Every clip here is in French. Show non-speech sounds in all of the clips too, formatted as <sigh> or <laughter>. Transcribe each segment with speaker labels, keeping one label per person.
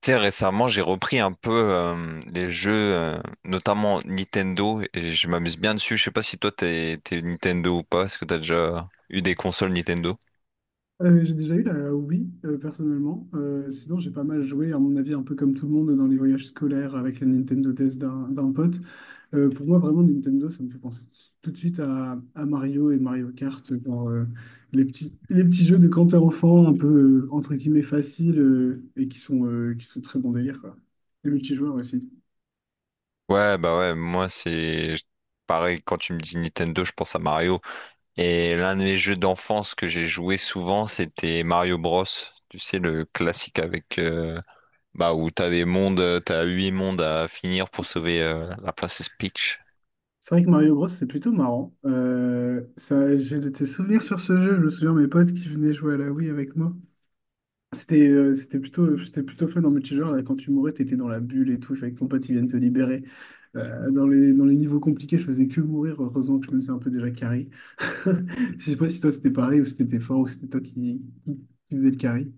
Speaker 1: Tu sais, récemment, j'ai repris un peu les jeux, notamment Nintendo, et je m'amuse bien dessus. Je sais pas si toi, t'es Nintendo ou pas. Est-ce que t'as déjà eu des consoles Nintendo?
Speaker 2: J'ai déjà eu la Wii, personnellement. Sinon, j'ai pas mal joué, à mon avis, un peu comme tout le monde, dans les voyages scolaires avec la Nintendo DS d'un pote. Pour moi, vraiment, Nintendo, ça me fait penser tout de suite à Mario et Mario Kart, genre, les petits jeux de quand t'es enfant, un peu, entre guillemets, faciles et qui sont très bon délire, quoi. Les multijoueurs aussi.
Speaker 1: Ouais, bah ouais, moi, c'est pareil. Quand tu me dis Nintendo, je pense à Mario. Et l'un des jeux d'enfance que j'ai joué souvent, c'était Mario Bros. Tu sais, le classique avec bah, où t'as des mondes, t'as huit mondes à finir pour sauver la princesse Peach.
Speaker 2: C'est vrai que Mario Bros, c'est plutôt marrant. Ça, j'ai de tes souvenirs sur ce jeu. Je me souviens de mes potes qui venaient jouer à la Wii avec moi. C'était plutôt fun en multijoueur. Là, quand tu mourais, t'étais dans la bulle et tout. Il fallait que ton pote il vienne te libérer. Dans les niveaux compliqués, je faisais que mourir. Heureusement que je me faisais un peu déjà carry. <laughs> Je sais pas si toi c'était pareil ou si t'étais fort ou si c'était toi qui faisais le carry.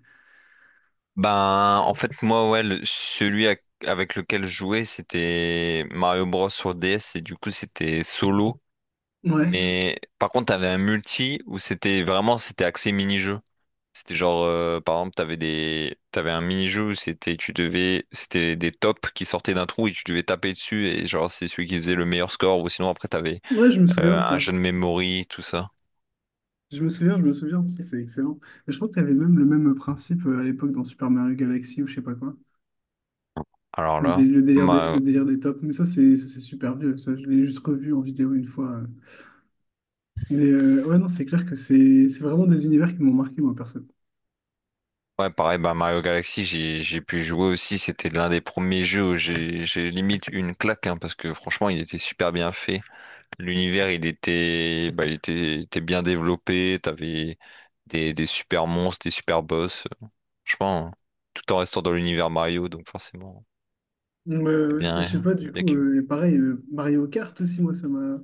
Speaker 1: Ben, en fait, moi, ouais, celui avec lequel je jouais, c'était Mario Bros sur DS, et du coup c'était solo.
Speaker 2: Ouais,
Speaker 1: Mais par contre, t'avais un multi où c'était axé mini-jeu. C'était genre, par exemple, t'avais un mini-jeu où c'était des tops qui sortaient d'un trou et tu devais taper dessus, et genre, c'est celui qui faisait le meilleur score. Ou sinon après, t'avais
Speaker 2: ouais, je me souviens de
Speaker 1: un
Speaker 2: ça.
Speaker 1: jeu de memory, tout ça.
Speaker 2: Je me souviens, je me souviens. C'est excellent. Et je crois que t'avais même le même principe à l'époque dans Super Mario Galaxy ou je sais pas quoi.
Speaker 1: Alors
Speaker 2: Le, dé-
Speaker 1: là,
Speaker 2: le délire des,
Speaker 1: ma-
Speaker 2: le délire des tops. Mais ça, c'est super vieux. Ça, je l'ai juste revu en vidéo une fois. Mais ouais, non, c'est clair que c'est vraiment des univers qui m'ont marqué, moi, perso.
Speaker 1: ouais, pareil, bah, Mario Galaxy, j'ai pu jouer aussi. C'était l'un des premiers jeux où j'ai limite eu une claque, hein, parce que franchement, il était super bien fait. L'univers, il était bien développé. T'avais des super monstres, des super boss. Je pense, hein, tout en restant dans l'univers Mario, donc forcément,
Speaker 2: Ouais,
Speaker 1: c'est
Speaker 2: ouais. Et je sais
Speaker 1: bien,
Speaker 2: pas, du
Speaker 1: bien
Speaker 2: coup,
Speaker 1: que.
Speaker 2: pareil, Mario Kart aussi, moi, ça m'a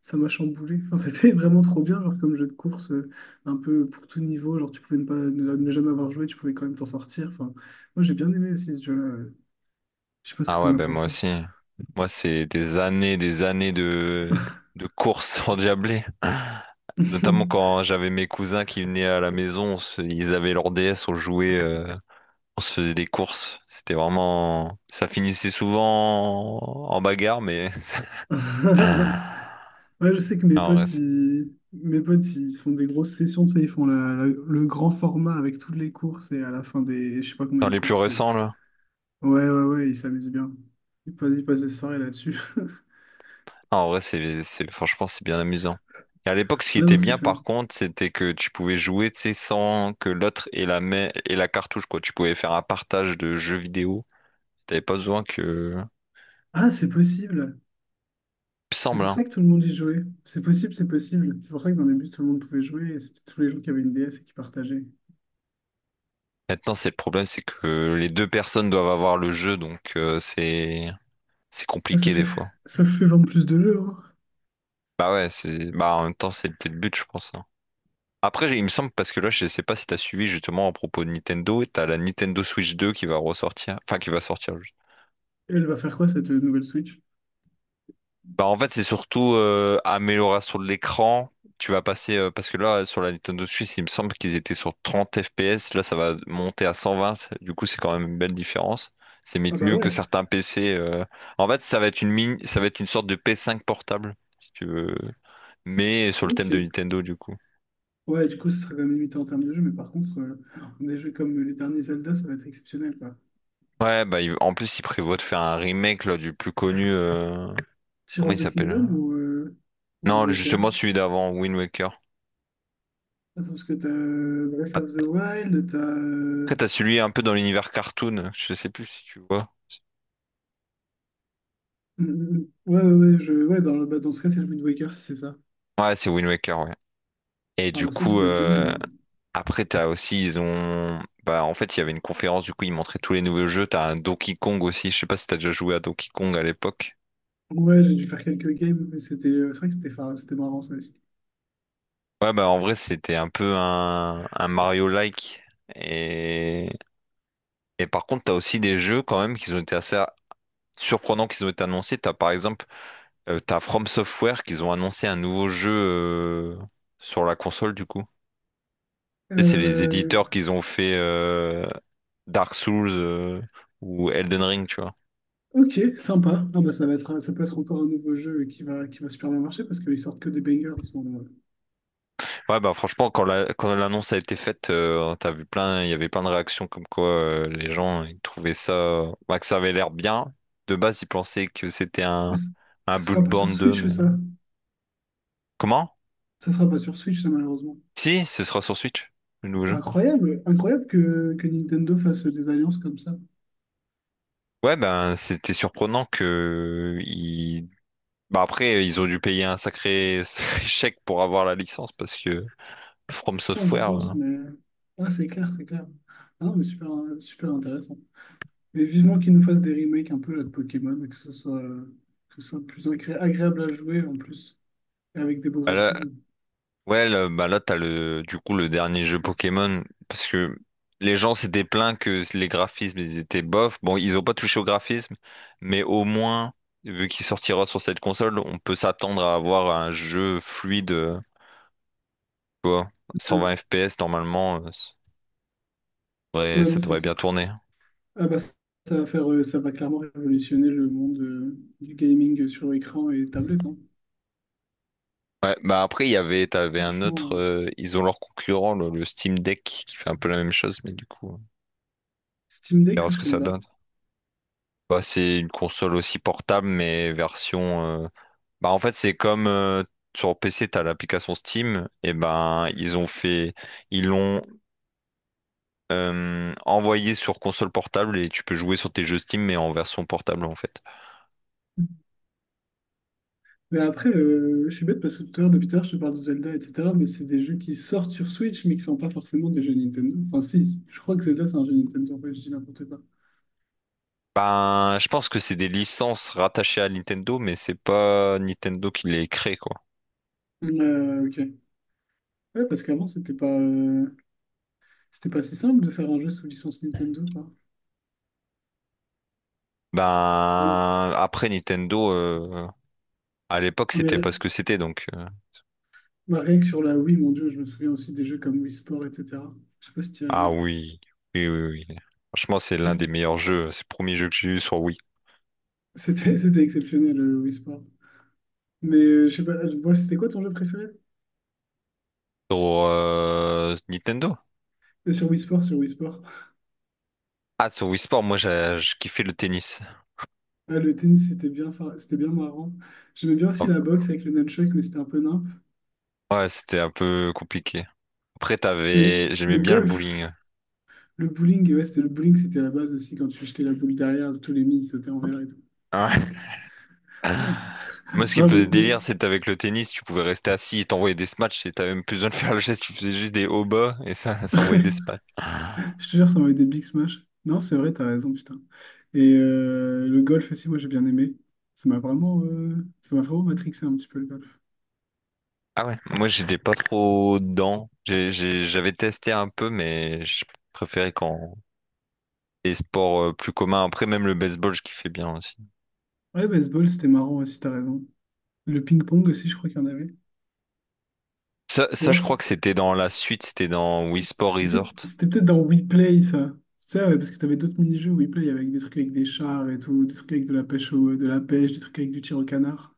Speaker 2: ça m'a chamboulé. Enfin, <laughs> c'était vraiment trop bien, genre comme jeu de course, un peu pour tout niveau. Genre, tu pouvais ne pas ne, ne jamais avoir joué, tu pouvais quand même t'en sortir. Enfin, moi, j'ai bien aimé aussi ce jeu-là. Je sais pas ce que
Speaker 1: Ah ouais,
Speaker 2: t'en as
Speaker 1: ben moi
Speaker 2: pensé.
Speaker 1: aussi. Moi, c'est des années de courses <laughs> endiablées. Notamment quand j'avais mes cousins qui venaient à la maison, ils avaient leur DS, on jouait, on se faisait des courses. C'était vraiment... Ça finissait souvent en bagarre, mais... <laughs> Ah,
Speaker 2: <laughs> Ouais, je sais que mes
Speaker 1: en
Speaker 2: potes,
Speaker 1: reste-
Speaker 2: ils, mes potes, ils se font des grosses sessions, tu sais, ils font le grand format avec toutes les courses et à la fin des, je sais pas combien
Speaker 1: dans
Speaker 2: de
Speaker 1: les plus
Speaker 2: courses,
Speaker 1: récents, là.
Speaker 2: Ouais, ouais, ouais, il s'amuse bien. Il passe des soirées là-dessus. <laughs>
Speaker 1: Ah, en vrai, franchement, c'est bien amusant. Et à l'époque, ce qui
Speaker 2: Ouais,
Speaker 1: était
Speaker 2: non, c'est
Speaker 1: bien,
Speaker 2: fun.
Speaker 1: par contre, c'était que tu pouvais jouer, tu sais, sans que l'autre ait la main et la cartouche, quoi. Tu pouvais faire un partage de jeux vidéo. T'avais pas besoin que... Il
Speaker 2: Ah, c'est possible.
Speaker 1: me
Speaker 2: C'est
Speaker 1: semble,
Speaker 2: pour
Speaker 1: hein.
Speaker 2: ça que tout le monde y jouait. C'est possible, c'est possible. C'est pour ça que dans les bus, tout le monde pouvait jouer et c'était tous les gens qui avaient une DS et qui partageaient.
Speaker 1: Maintenant, c'est le problème, c'est que les deux personnes doivent avoir le jeu, donc c'est
Speaker 2: Ah, ça
Speaker 1: compliqué des
Speaker 2: fait,
Speaker 1: fois.
Speaker 2: ça fait vendre plus de jeux, hein.
Speaker 1: Bah ouais, c'est bah, en même temps, c'était le but, je pense, hein. Après, il me semble, parce que là, je sais pas si t'as suivi, justement, à propos de Nintendo, t'as la Nintendo Switch 2 qui va ressortir, enfin qui va sortir.
Speaker 2: Et elle va faire quoi, cette nouvelle Switch?
Speaker 1: Bah en fait, c'est surtout amélioration de l'écran. Tu vas passer, parce que là, sur la Nintendo Switch, il me semble qu'ils étaient sur 30 FPS. Là, ça va monter à 120. Du coup, c'est quand même une belle différence. C'est
Speaker 2: Ah
Speaker 1: limite
Speaker 2: bah
Speaker 1: mieux que
Speaker 2: ouais,
Speaker 1: certains PC. En fait, ça va être une sorte de p 5 portable, si tu veux. Mais sur le thème de
Speaker 2: ok.
Speaker 1: Nintendo, du coup.
Speaker 2: Ouais, du coup, ce sera quand même limité en termes de jeux, mais par contre, des jeux comme les derniers Zelda, ça va être exceptionnel, quoi.
Speaker 1: Ouais, bah, en plus, il prévoit de faire un remake là, du plus connu.
Speaker 2: Tears
Speaker 1: Comment il
Speaker 2: of the
Speaker 1: s'appelle?
Speaker 2: Kingdom ou Wind
Speaker 1: Non,
Speaker 2: Waker?
Speaker 1: justement, celui d'avant, Wind Waker.
Speaker 2: Attends, parce que t'as Breath of the Wild, t'as
Speaker 1: Après, t'as celui un peu dans l'univers cartoon. Je sais plus si tu vois.
Speaker 2: Mm, mm, mm. Ouais, ouais, ouais, je, ouais dans, bah, dans ce cas, c'est le Wind Waker, si c'est ça.
Speaker 1: Ouais, c'est Wind Waker, ouais. Et
Speaker 2: Ah,
Speaker 1: du
Speaker 2: bah, ça
Speaker 1: coup,
Speaker 2: peut être génial, hein.
Speaker 1: après, t'as aussi, ils ont... bah, en fait, il y avait une conférence, du coup, ils montraient tous les nouveaux jeux. T'as un Donkey Kong aussi, je sais pas si t'as déjà joué à Donkey Kong à l'époque.
Speaker 2: Ouais, j'ai dû faire quelques games, mais c'était, c'est vrai que c'était c'était marrant, ça aussi.
Speaker 1: Ouais, bah, en vrai, c'était un peu un Mario-like. Et... et par contre, t'as aussi des jeux, quand même, qui ont été assez surprenants, qui ont été annoncés. T'as, par exemple, t'as From Software, qui ont annoncé un nouveau jeu, sur la console, du coup. C'est les
Speaker 2: Euh,
Speaker 1: éditeurs qu'ils ont fait, Dark Souls, ou Elden Ring, tu vois.
Speaker 2: ok, sympa. Ah, bah, ça va être, ça peut être encore un nouveau jeu qui va super bien marcher parce qu'ils sortent que des bangers en ce moment. Ouais.
Speaker 1: Ouais, bah franchement, quand l'annonce a été faite, il y avait plein de réactions comme quoi, les gens ils trouvaient ça, bah, que ça avait l'air bien. De base, ils pensaient que c'était
Speaker 2: Mais
Speaker 1: un, un
Speaker 2: ça sera pas sur
Speaker 1: Bloodborne deux,
Speaker 2: Switch,
Speaker 1: mais
Speaker 2: ça.
Speaker 1: comment?
Speaker 2: Ça sera pas sur Switch, ça, malheureusement.
Speaker 1: Si, ce sera sur Switch, le nouveau jeu.
Speaker 2: Incroyable, incroyable que Nintendo fasse des alliances comme ça.
Speaker 1: Ouais, ben c'était surprenant bah, après, ils ont dû payer un sacré, <laughs> sacré chèque pour avoir la licence parce que From
Speaker 2: Je
Speaker 1: Software.
Speaker 2: pense, mais. Ah, c'est clair, c'est clair. Ah, non, mais super, super intéressant. Mais vivement qu'ils nous fassent des remakes un peu là, de Pokémon et que ce soit plus agréable à jouer en plus, et avec des beaux
Speaker 1: Voilà.
Speaker 2: graphismes.
Speaker 1: Ouais, là, bah là, t'as le, du coup, le dernier jeu Pokémon, parce que les gens s'étaient plaints que les graphismes, ils étaient bof. Bon, ils ont pas touché au graphisme, mais au moins, vu qu'il sortira sur cette console, on peut s'attendre à avoir un jeu fluide, tu vois,
Speaker 2: Euh,
Speaker 1: 120 FPS, normalement, ça devrait,
Speaker 2: ouais, non,
Speaker 1: ça
Speaker 2: c'est
Speaker 1: devrait
Speaker 2: que...
Speaker 1: bien tourner.
Speaker 2: Ah bah, ça va faire, ça va clairement révolutionner le monde du gaming sur écran et tablette, hein.
Speaker 1: Ouais, bah après, t'avais un
Speaker 2: Franchement,
Speaker 1: autre, ils ont leur concurrent, le Steam Deck, qui fait un peu la même chose, mais du coup, on
Speaker 2: Steam Deck,
Speaker 1: verra
Speaker 2: ça
Speaker 1: ce
Speaker 2: je
Speaker 1: que
Speaker 2: connais
Speaker 1: ça
Speaker 2: pas.
Speaker 1: donne. Bah, c'est une console aussi portable, mais version... Bah en fait, c'est comme sur PC t'as l'application Steam, et ben ils ont fait ils l'ont envoyé sur console portable, et tu peux jouer sur tes jeux Steam mais en version portable, en fait.
Speaker 2: Mais après, je suis bête parce que tout à l'heure, depuis tout à l'heure, je te parle de Zelda, etc. Mais c'est des jeux qui sortent sur Switch, mais qui sont pas forcément des jeux Nintendo. Enfin, si, si, je crois que Zelda, c'est un jeu Nintendo. Ouais, je dis n'importe quoi.
Speaker 1: Ben je pense que c'est des licences rattachées à Nintendo, mais c'est pas Nintendo qui les crée, quoi.
Speaker 2: Ok. Ouais, parce qu'avant, c'était pas si simple de faire un jeu sous licence Nintendo, quoi. Bon.
Speaker 1: Ben après, Nintendo à l'époque
Speaker 2: Ah, mais
Speaker 1: c'était pas
Speaker 2: ré-
Speaker 1: ce que c'était, donc.
Speaker 2: Bah, rien que sur la Wii, mon Dieu, je me souviens aussi des jeux comme Wii Sport, etc. Je sais pas si tu as
Speaker 1: Ah
Speaker 2: joué, toi.
Speaker 1: oui, oui, oui, oui. Franchement, c'est
Speaker 2: Ça,
Speaker 1: l'un des
Speaker 2: c'était
Speaker 1: meilleurs jeux. C'est le premier jeu que j'ai eu sur Wii.
Speaker 2: <laughs> C'était exceptionnel, le Wii Sport. Mais je sais pas, je vois c'était quoi ton jeu préféré?
Speaker 1: Sur Nintendo?
Speaker 2: Sur Wii Sport, sur Wii Sport.
Speaker 1: Ah, sur Wii Sport, moi, j'ai je kiffais le tennis.
Speaker 2: Ah, le tennis, c'était bien, c'était bien marrant. J'aimais bien aussi
Speaker 1: Oh,
Speaker 2: la boxe avec le nunchuck, mais c'était un peu nimp.
Speaker 1: ouais, c'était un peu compliqué. Après, t'avais... J'aimais
Speaker 2: Le
Speaker 1: bien le
Speaker 2: golf,
Speaker 1: bowling.
Speaker 2: le bowling, ouais, c'était le bowling, c'était la base aussi. Quand tu jetais la boule derrière, tous les mines sautaient envers et tout.
Speaker 1: Ouais. <laughs> Moi, ce
Speaker 2: <laughs>
Speaker 1: qui me
Speaker 2: Non,
Speaker 1: faisait délire,
Speaker 2: le-
Speaker 1: c'est avec le tennis, tu pouvais rester assis et t'envoyer des smatchs, et t'avais même plus besoin de faire le geste, tu faisais juste des hauts bas et ça, <laughs> ça envoyait des
Speaker 2: <laughs>
Speaker 1: smatchs.
Speaker 2: Je te jure, ça m'avait des big smash. Non, c'est vrai, t'as raison, putain. Et le golf aussi, moi, j'ai bien aimé. Ça m'a vraiment matrixé un petit peu le golf.
Speaker 1: Ah ouais. Moi, j'étais pas trop dedans. J'avais testé un peu, mais je préférais quand les sports plus communs. Après, même le baseball, je kiffais bien aussi.
Speaker 2: Ouais, baseball, c'était marrant aussi, t'as raison. Le ping-pong aussi, je crois qu'il y en avait.
Speaker 1: Ça,
Speaker 2: Ou
Speaker 1: ça, je
Speaker 2: alors,
Speaker 1: crois que c'était dans la suite, c'était dans Wii Sport
Speaker 2: c'était peut-être
Speaker 1: Resort.
Speaker 2: c'était peut-être dans Weplay, ça. Ça, ouais, parce que t'avais d'autres mini-jeux Weplay avec des trucs avec des chars et tout, des trucs avec de la pêche, des trucs avec du tir au canard.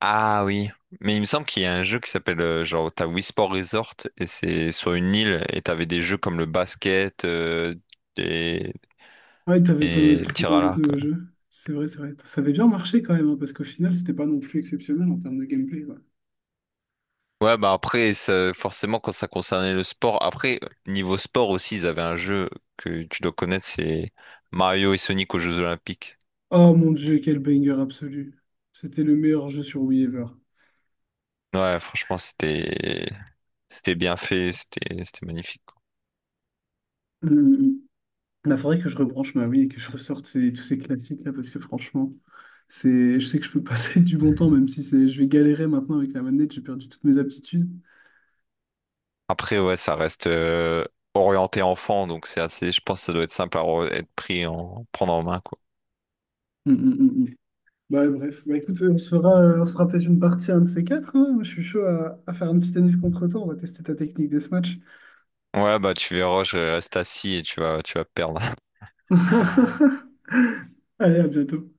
Speaker 1: Ah oui. Mais il me semble qu'il y a un jeu qui s'appelle, genre, t'as Wii Sport Resort et c'est sur une île, et t'avais des jeux comme le basket, des,
Speaker 2: Ouais, t'avais plein
Speaker 1: des
Speaker 2: d'autres
Speaker 1: tirs à
Speaker 2: d'autres
Speaker 1: l'arc.
Speaker 2: nouveaux
Speaker 1: Ouais.
Speaker 2: jeux. C'est vrai, c'est vrai. Ça avait bien marché quand même, hein, parce qu'au final, c'était pas non plus exceptionnel en termes de gameplay, quoi.
Speaker 1: Ouais, bah après, forcément, quand ça concernait le sport, après, niveau sport aussi, ils avaient un jeu que tu dois connaître, c'est Mario et Sonic aux Jeux Olympiques.
Speaker 2: Oh mon Dieu, quel banger absolu. C'était le meilleur jeu sur Wii ever.
Speaker 1: Ouais, franchement, c'était bien fait, c'était magnifique, quoi.
Speaker 2: Il faudrait que je rebranche ma Wii et que je ressorte tous ces classiques là parce que franchement, c'est, je sais que je peux passer <laughs> du bon temps même si c'est, je vais galérer maintenant avec la manette, j'ai perdu toutes mes aptitudes.
Speaker 1: Après, ouais, ça reste orienté enfant, donc c'est assez. Je pense que ça doit être simple à re- être pris en prendre en main, quoi.
Speaker 2: Mm, mm, mm, mm. Bah, bref, bah, écoute, on se fera peut-être une partie un de ces quatre, hein. Moi, je suis chaud à faire un petit tennis contre toi. On va tester ta technique des matchs.
Speaker 1: Ouais, bah tu verras, je reste assis et tu vas perdre. <laughs>
Speaker 2: <laughs> Allez, à bientôt.